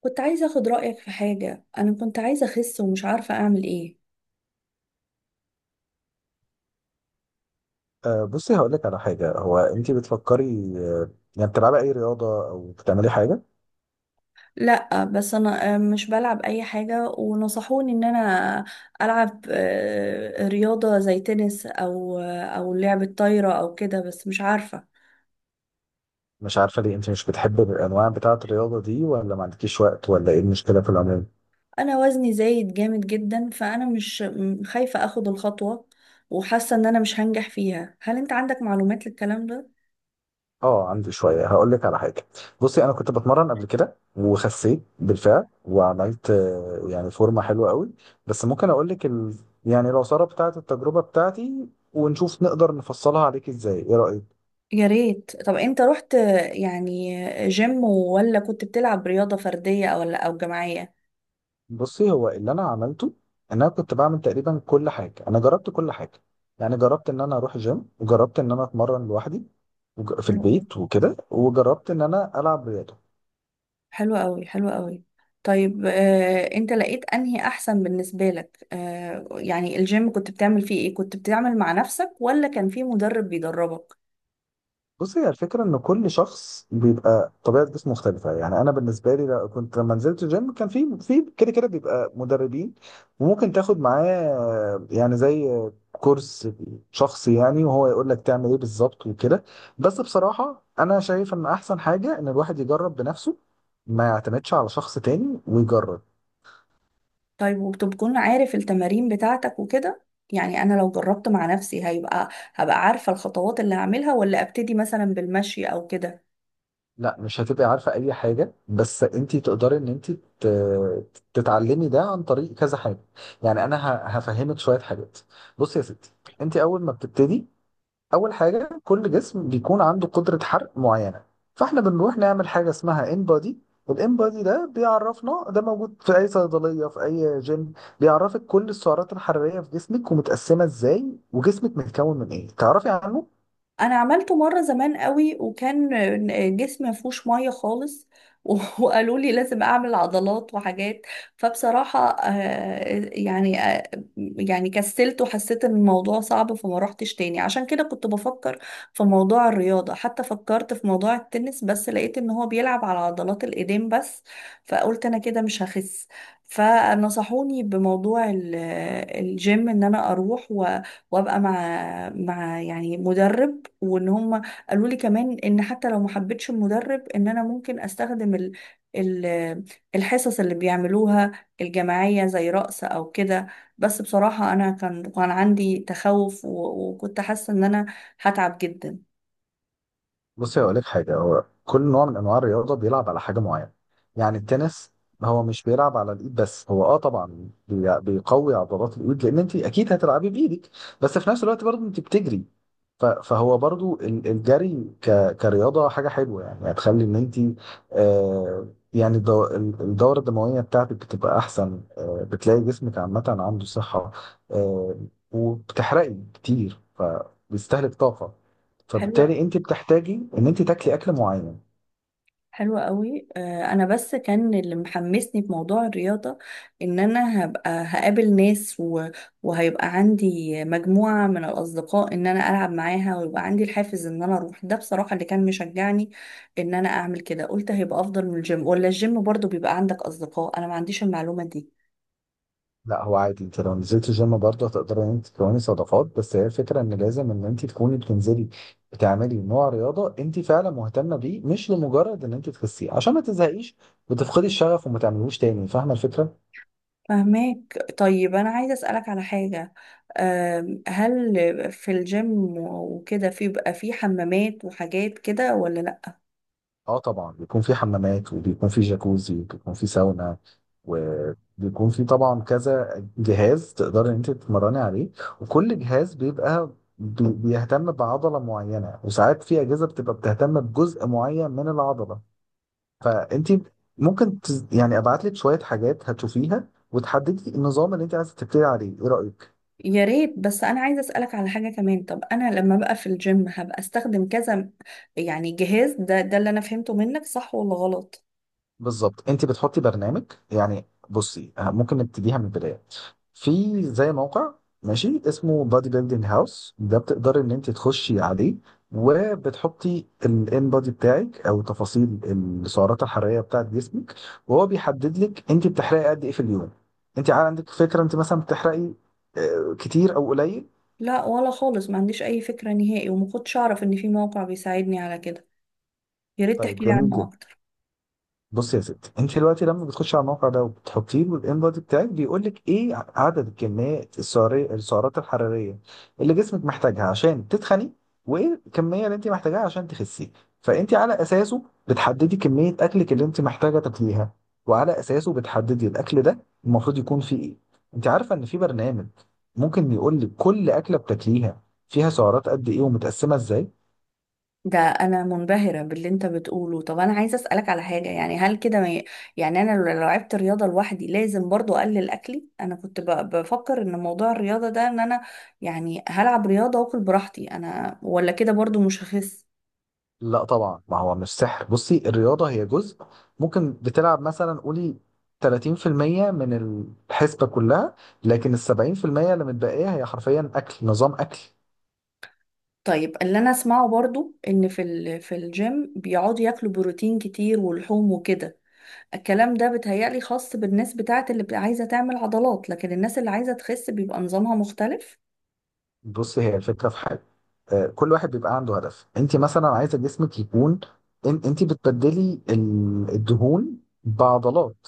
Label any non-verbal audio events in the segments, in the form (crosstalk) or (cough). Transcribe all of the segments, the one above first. كنت عايزة أخد رأيك في حاجة. أنا كنت عايزة أخس ومش عارفة أعمل إيه. بصي هقول لك على حاجه. هو انت بتفكري؟ أه، يعني بتلعبي اي رياضه او بتعملي حاجه؟ لأ، بس أنا مش بلعب أي حاجة، ونصحوني إن أنا ألعب رياضة زي تنس، أو لعبة طايرة أو كده، بس مش عارفة. مش عارفه ليه انت مش بتحبي الانواع بتاعه الرياضه دي، ولا ما عندكيش وقت، ولا ايه المشكله في العموم؟ أنا وزني زايد جامد جدا، فأنا مش م- خايفة أخد الخطوة، وحاسة إن أنا مش هنجح فيها. هل أنت عندك معلومات للكلام ده؟ اه عندي شويه، هقول لك على حاجه. بصي انا كنت بتمرن قبل كده وخسيت بالفعل، وعملت يعني فورمه حلوه قوي. بس ممكن اقول لك يعني العصاره بتاعه التجربه بتاعتي، ونشوف نقدر نفصلها عليك ازاي، ايه رايك؟ يا ريت. طب أنت رحت يعني جيم، ولا كنت بتلعب رياضة فردية ولا جماعية؟ بصي هو اللي انا عملته، ان انا كنت بعمل تقريبا كل حاجه، انا جربت كل حاجه. يعني جربت ان انا اروح جيم، وجربت ان انا اتمرن لوحدي في حلو أوي، البيت وكده، وجربت ان انا العب رياضه. حلو أوي، حلو أوي. طيب، أنت لقيت أنهي أحسن بالنسبة لك؟ يعني الجيم كنت بتعمل فيه إيه؟ كنت بتعمل مع نفسك ولا كان في مدرب بيدربك؟ بص هي الفكرة إن كل شخص بيبقى طبيعة جسمه مختلفة، يعني أنا بالنسبة لي كنت لما نزلت الجيم كان في كده بيبقى مدربين، وممكن تاخد معاه يعني زي كورس شخصي، يعني وهو يقول لك تعمل إيه بالظبط وكده. بس بصراحة أنا شايف إن أحسن حاجة إن الواحد يجرب بنفسه، ما يعتمدش على شخص تاني ويجرب. طيب، وبتكون عارف التمارين بتاعتك وكده؟ يعني أنا لو جربت مع نفسي، هبقى عارفة الخطوات اللي هعملها، ولا أبتدي مثلا بالمشي أو كده؟ لا مش هتبقي عارفة أي حاجة، بس أنت تقدري إن أنت تتعلمي ده عن طريق كذا حاجة. يعني أنا هفهمك شوية حاجات. بصي يا ستي، أنت أول ما بتبتدي، أول حاجة كل جسم بيكون عنده قدرة حرق معينة، فإحنا بنروح نعمل حاجة اسمها انبادي. والانبادي ده بيعرفنا، ده موجود في أي صيدلية في أي جيم. بيعرفك كل السعرات الحرارية في جسمك ومتقسمة إزاي، وجسمك متكون من إيه تعرفي عنه. انا عملته مره زمان قوي، وكان جسمي ما فيهوش ميه خالص، (laughs) وقالوا لي لازم اعمل عضلات وحاجات. فبصراحه، يعني كسلت وحسيت ان الموضوع صعب، فما روحتش تاني. عشان كده كنت بفكر في موضوع الرياضه، حتى فكرت في موضوع التنس، بس لقيت ان هو بيلعب على عضلات الايدين بس، فقلت انا كده مش هخس. فنصحوني بموضوع الجيم، ان انا اروح و... وابقى مع يعني مدرب. وان هم قالوا لي كمان ان حتى لو ما حبيتش المدرب، ان انا ممكن استخدم ال ال الحصص اللي بيعملوها الجماعية، زي رقص او كده. بس بصراحة انا كان عندي تخوف، و- وكنت حاسة ان انا هتعب جدا. بصي هقول لك حاجه، هو كل نوع من انواع الرياضه بيلعب على حاجه معينه. يعني التنس هو مش بيلعب على الايد بس، هو اه طبعا بيقوي عضلات الايد، لان انت اكيد هتلعبي بايدك، بس في نفس الوقت برضه انت بتجري. فهو برضه الجري كرياضه حاجه حلوه، يعني هتخلي ان انت آه يعني الدوره الدمويه بتاعتك بتبقى احسن، آه بتلاقي جسمك عامه عنده صحه، آه وبتحرقي كتير فبيستهلك طاقه، حلو، فبالتالي انت بتحتاجي ان انت تاكلي اكل معين. حلوة قوي. انا بس كان اللي محمسني بموضوع الرياضة، ان انا هبقى هقابل ناس، و... وهيبقى عندي مجموعة من الاصدقاء ان انا العب معاها، ويبقى عندي الحافز ان انا اروح. ده بصراحة اللي كان مشجعني ان انا اعمل كده. قلت هيبقى افضل من الجيم، ولا الجيم برضو بيبقى عندك اصدقاء؟ انا ما عنديش المعلومة دي. لا هو عادي، انت لو نزلت الجيم برضه هتقدري ان انت تكوني صداقات، بس هي الفكره ان لازم ان انت تكوني بتنزلي بتعملي نوع رياضه انت فعلا مهتمه بيه، مش لمجرد ان انت تخسيه، عشان ما تزهقيش وتفقدي الشغف وما تعملوش تاني. فاهمه الفكره؟ فهماك. طيب انا عايزة اسألك على حاجة. هل في الجيم وكده، في بقى في حمامات وحاجات كده ولا لا؟ اه طبعا بيكون في حمامات، وبيكون في جاكوزي، وبيكون في ساونا، وبيكون في طبعا كذا جهاز تقدري ان انت تتمرني عليه. وكل جهاز بيبقى بيهتم بعضلة معينة، وساعات في أجهزة بتبقى بتهتم بجزء معين من العضلة. فانت ممكن يعني ابعت لك شوية حاجات هتشوفيها، وتحددي النظام اللي انت عايزة تبتدي عليه. ايه رأيك؟ يا ريت. بس انا عايزه اسالك على حاجه كمان. طب انا لما بقى في الجيم، هبقى استخدم كذا يعني جهاز؟ ده اللي انا فهمته منك، صح ولا غلط؟ بالظبط، انت بتحطي برنامج. يعني بصي، ممكن نبتديها من البدايه. في زي موقع ماشي اسمه بادي بيلدينج هاوس، ده بتقدري ان انت تخشي عليه وبتحطي الان بادي بتاعك او تفاصيل السعرات الحراريه بتاعت جسمك، وهو بيحدد لك انت بتحرقي قد ايه في اليوم. انت عندك فكره انت مثلا بتحرقي كتير او قليل؟ لا ولا خالص، ما عنديش اي فكره نهائي، وما كنتش اعرف ان في موقع بيساعدني على كده. يا ريت طيب تحكي لي جميل عنه جدا. اكتر. بص يا ستي، انت دلوقتي لما بتخش على الموقع ده وبتحطيه له الانبادي بتاعك، بيقول لك ايه عدد الكميات السعريه، السعرات الحراريه اللي جسمك محتاجها عشان تتخني، وايه الكميه اللي انت محتاجاها عشان تخسي. فانت على اساسه بتحددي كميه اكلك اللي انت محتاجه تاكليها، وعلى اساسه بتحددي الاكل ده المفروض يكون فيه ايه. انت عارفه ان في برنامج ممكن يقول لك كل اكله بتاكليها فيها سعرات قد ايه ومتقسمه ازاي. ده انا منبهره باللي انت بتقوله. طب انا عايزه اسالك على حاجه، يعني هل كده ما ي... يعني انا لو لعبت رياضه لوحدي، لازم برضو اقلل اكلي؟ انا كنت بفكر ان موضوع الرياضه ده، ان انا يعني هلعب رياضه واكل براحتي انا، ولا كده برضو مش هخس؟ لا طبعا، ما هو مش سحر. بصي، الرياضة هي جزء، ممكن بتلعب مثلا قولي 30% من الحسبة كلها، لكن ال 70% اللي متبقية هي حرفيا أكل، نظام أكل. طيب، اللي انا اسمعه برضو ان في الجيم بيقعدوا ياكلوا بروتين كتير ولحوم وكده. الكلام ده بيتهيألي خاص بالناس بتاعت اللي بتبقى عايزة تعمل عضلات، لكن الناس اللي عايزة تخس بيبقى نظامها مختلف. بص هي الفكرة في حاجة، كل واحد بيبقى عنده هدف. انت مثلا عايزة جسمك يكون انت بتبدلي الدهون بعضلات.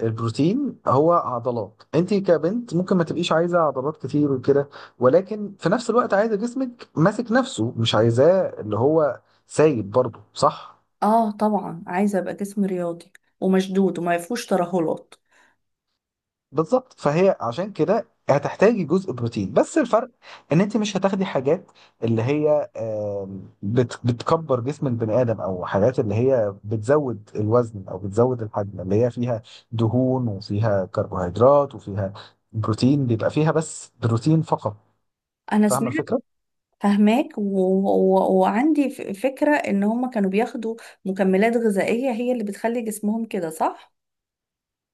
البروتين هو عضلات، انت كبنت ممكن ما تبقيش عايزة عضلات كتير وكده، ولكن في نفس الوقت عايزة جسمك ماسك نفسه، مش عايزاه اللي هو سايب برضه، صح؟ اه طبعا، عايزة ابقى جسم رياضي ومشدود وما فيهوش ترهلات. بالظبط، فهي عشان كده هتحتاجي جزء بروتين، بس الفرق ان انت مش هتاخدي حاجات اللي هي بتكبر جسم البني ادم، او حاجات اللي هي بتزود الوزن او بتزود الحجم، اللي هي فيها دهون وفيها كربوهيدرات وفيها بروتين. بيبقى فيها بس بروتين فقط. انا فاهمه سمعت. الفكره؟ فهماك، و... و... وعندي فكرة ان هم كانوا بياخدوا مكملات غذائية، هي اللي بتخلي جسمهم كده، صح؟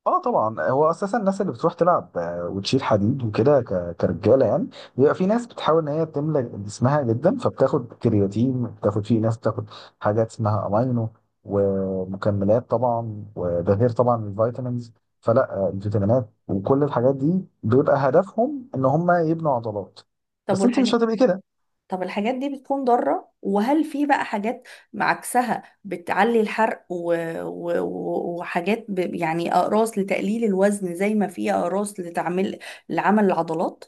اه طبعا، هو اساسا الناس اللي بتروح تلعب وتشيل حديد وكده كرجاله يعني، بيبقى في ناس بتحاول ان هي تملى جسمها جدا، فبتاخد كرياتين، بتاخد، في ناس بتاخد حاجات اسمها امينو، ومكملات طبعا، وده غير طبعا الفيتامينز. فلا الفيتامينات وكل الحاجات دي بيبقى هدفهم ان هم يبنوا عضلات، طب بس انت مش والحاجات هتبقي كده. طب الحاجات دي بتكون ضارة؟ وهل في بقى حاجات عكسها بتعلي الحرق و... و... و- وحاجات يعني أقراص لتقليل الوزن، زي ما في أقراص لعمل العضلات؟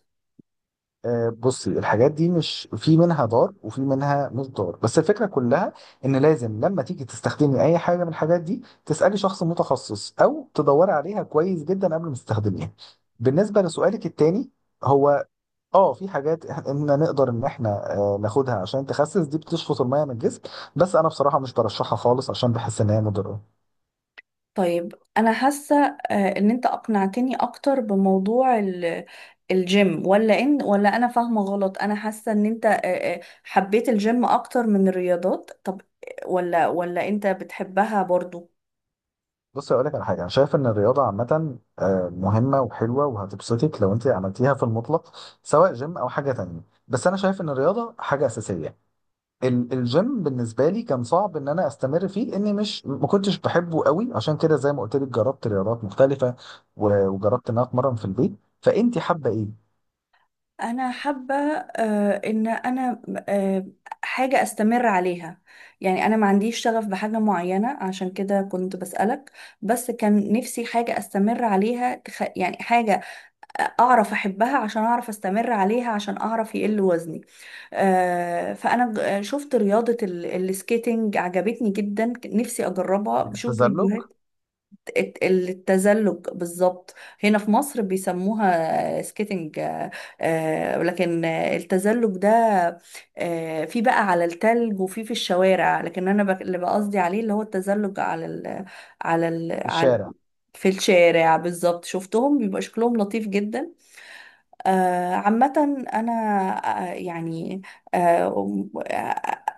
بصي، الحاجات دي مش في منها ضار وفي منها مش ضار، بس الفكره كلها ان لازم لما تيجي تستخدمي اي حاجه من الحاجات دي، تسالي شخص متخصص او تدوري عليها كويس جدا قبل ما تستخدميها. بالنسبه لسؤالك التاني، هو اه في حاجات احنا نقدر ان احنا ناخدها عشان تخسس، دي بتشفط الميه من الجسم، بس انا بصراحه مش برشحها خالص عشان بحس ان هي مضره. طيب أنا حاسة إن أنت أقنعتني أكتر بموضوع الجيم، ولا إن ولا أنا فاهمة غلط؟ أنا حاسة إن أنت حبيت الجيم أكتر من الرياضات. طب، ولا أنت بتحبها برضو؟ بص اقول لك على حاجه، انا شايف ان الرياضه عامه مهمه وحلوه وهتبسطك لو انت عملتيها في المطلق، سواء جيم او حاجه تانية. بس انا شايف ان الرياضه حاجه اساسيه. الجيم بالنسبه لي كان صعب ان انا استمر فيه، لاني مش، ما كنتش بحبه قوي، عشان كده زي ما قلت لك جربت رياضات مختلفه، وجربت ان انا اتمرن في البيت. فانت حابه ايه؟ انا حابه، ان انا آه، حاجه استمر عليها. يعني انا ما عنديش شغف بحاجه معينه، عشان كده كنت بسالك. بس كان نفسي حاجه استمر عليها، يعني حاجه اعرف احبها، عشان اعرف استمر عليها، عشان اعرف يقل وزني. فانا شفت رياضه السكيتنج، عجبتني جدا، نفسي اجربها، بشوف التزلج فيديوهات. التزلج بالظبط. هنا في مصر بيسموها سكيتنج. لكن التزلج ده في بقى على التلج، وفي الشوارع. لكن انا اللي بقصدي عليه، اللي هو التزلج على ال على ال في على الشارع. في الشارع. بالظبط، شفتهم بيبقى شكلهم لطيف جدا. عامة أنا يعني آه،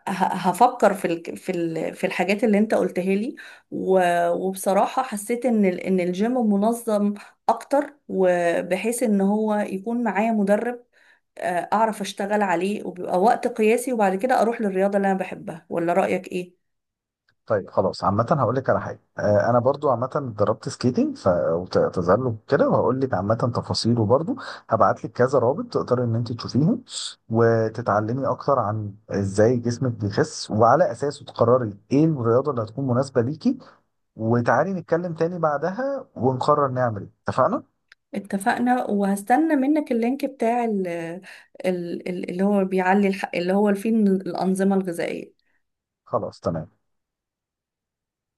هفكر في الحاجات اللي أنت قلتها لي، و- وبصراحة حسيت إن الجيم منظم أكتر، وبحيث إن هو يكون معايا مدرب أعرف أشتغل عليه، وبيبقى وقت قياسي، وبعد كده أروح للرياضة اللي أنا بحبها. ولا رأيك إيه؟ طيب خلاص، عامة هقول لك على حاجة. أنا برضو عامة اتدربت سكيتنج وتزلج كده، وهقول لك عامة تفاصيله برضو. هبعت لك كذا رابط تقدر إن أنت تشوفيهم وتتعلمي أكتر عن إزاي جسمك بيخس، وعلى أساسه تقرري إيه الرياضة اللي هتكون مناسبة ليكي، وتعالي نتكلم تاني بعدها ونقرر نعمل إيه. اتفقنا؟ اتفقنا. وهستنى منك اللينك بتاع اللي هو اللي هو فيه الأنظمة الغذائية. خلاص تمام.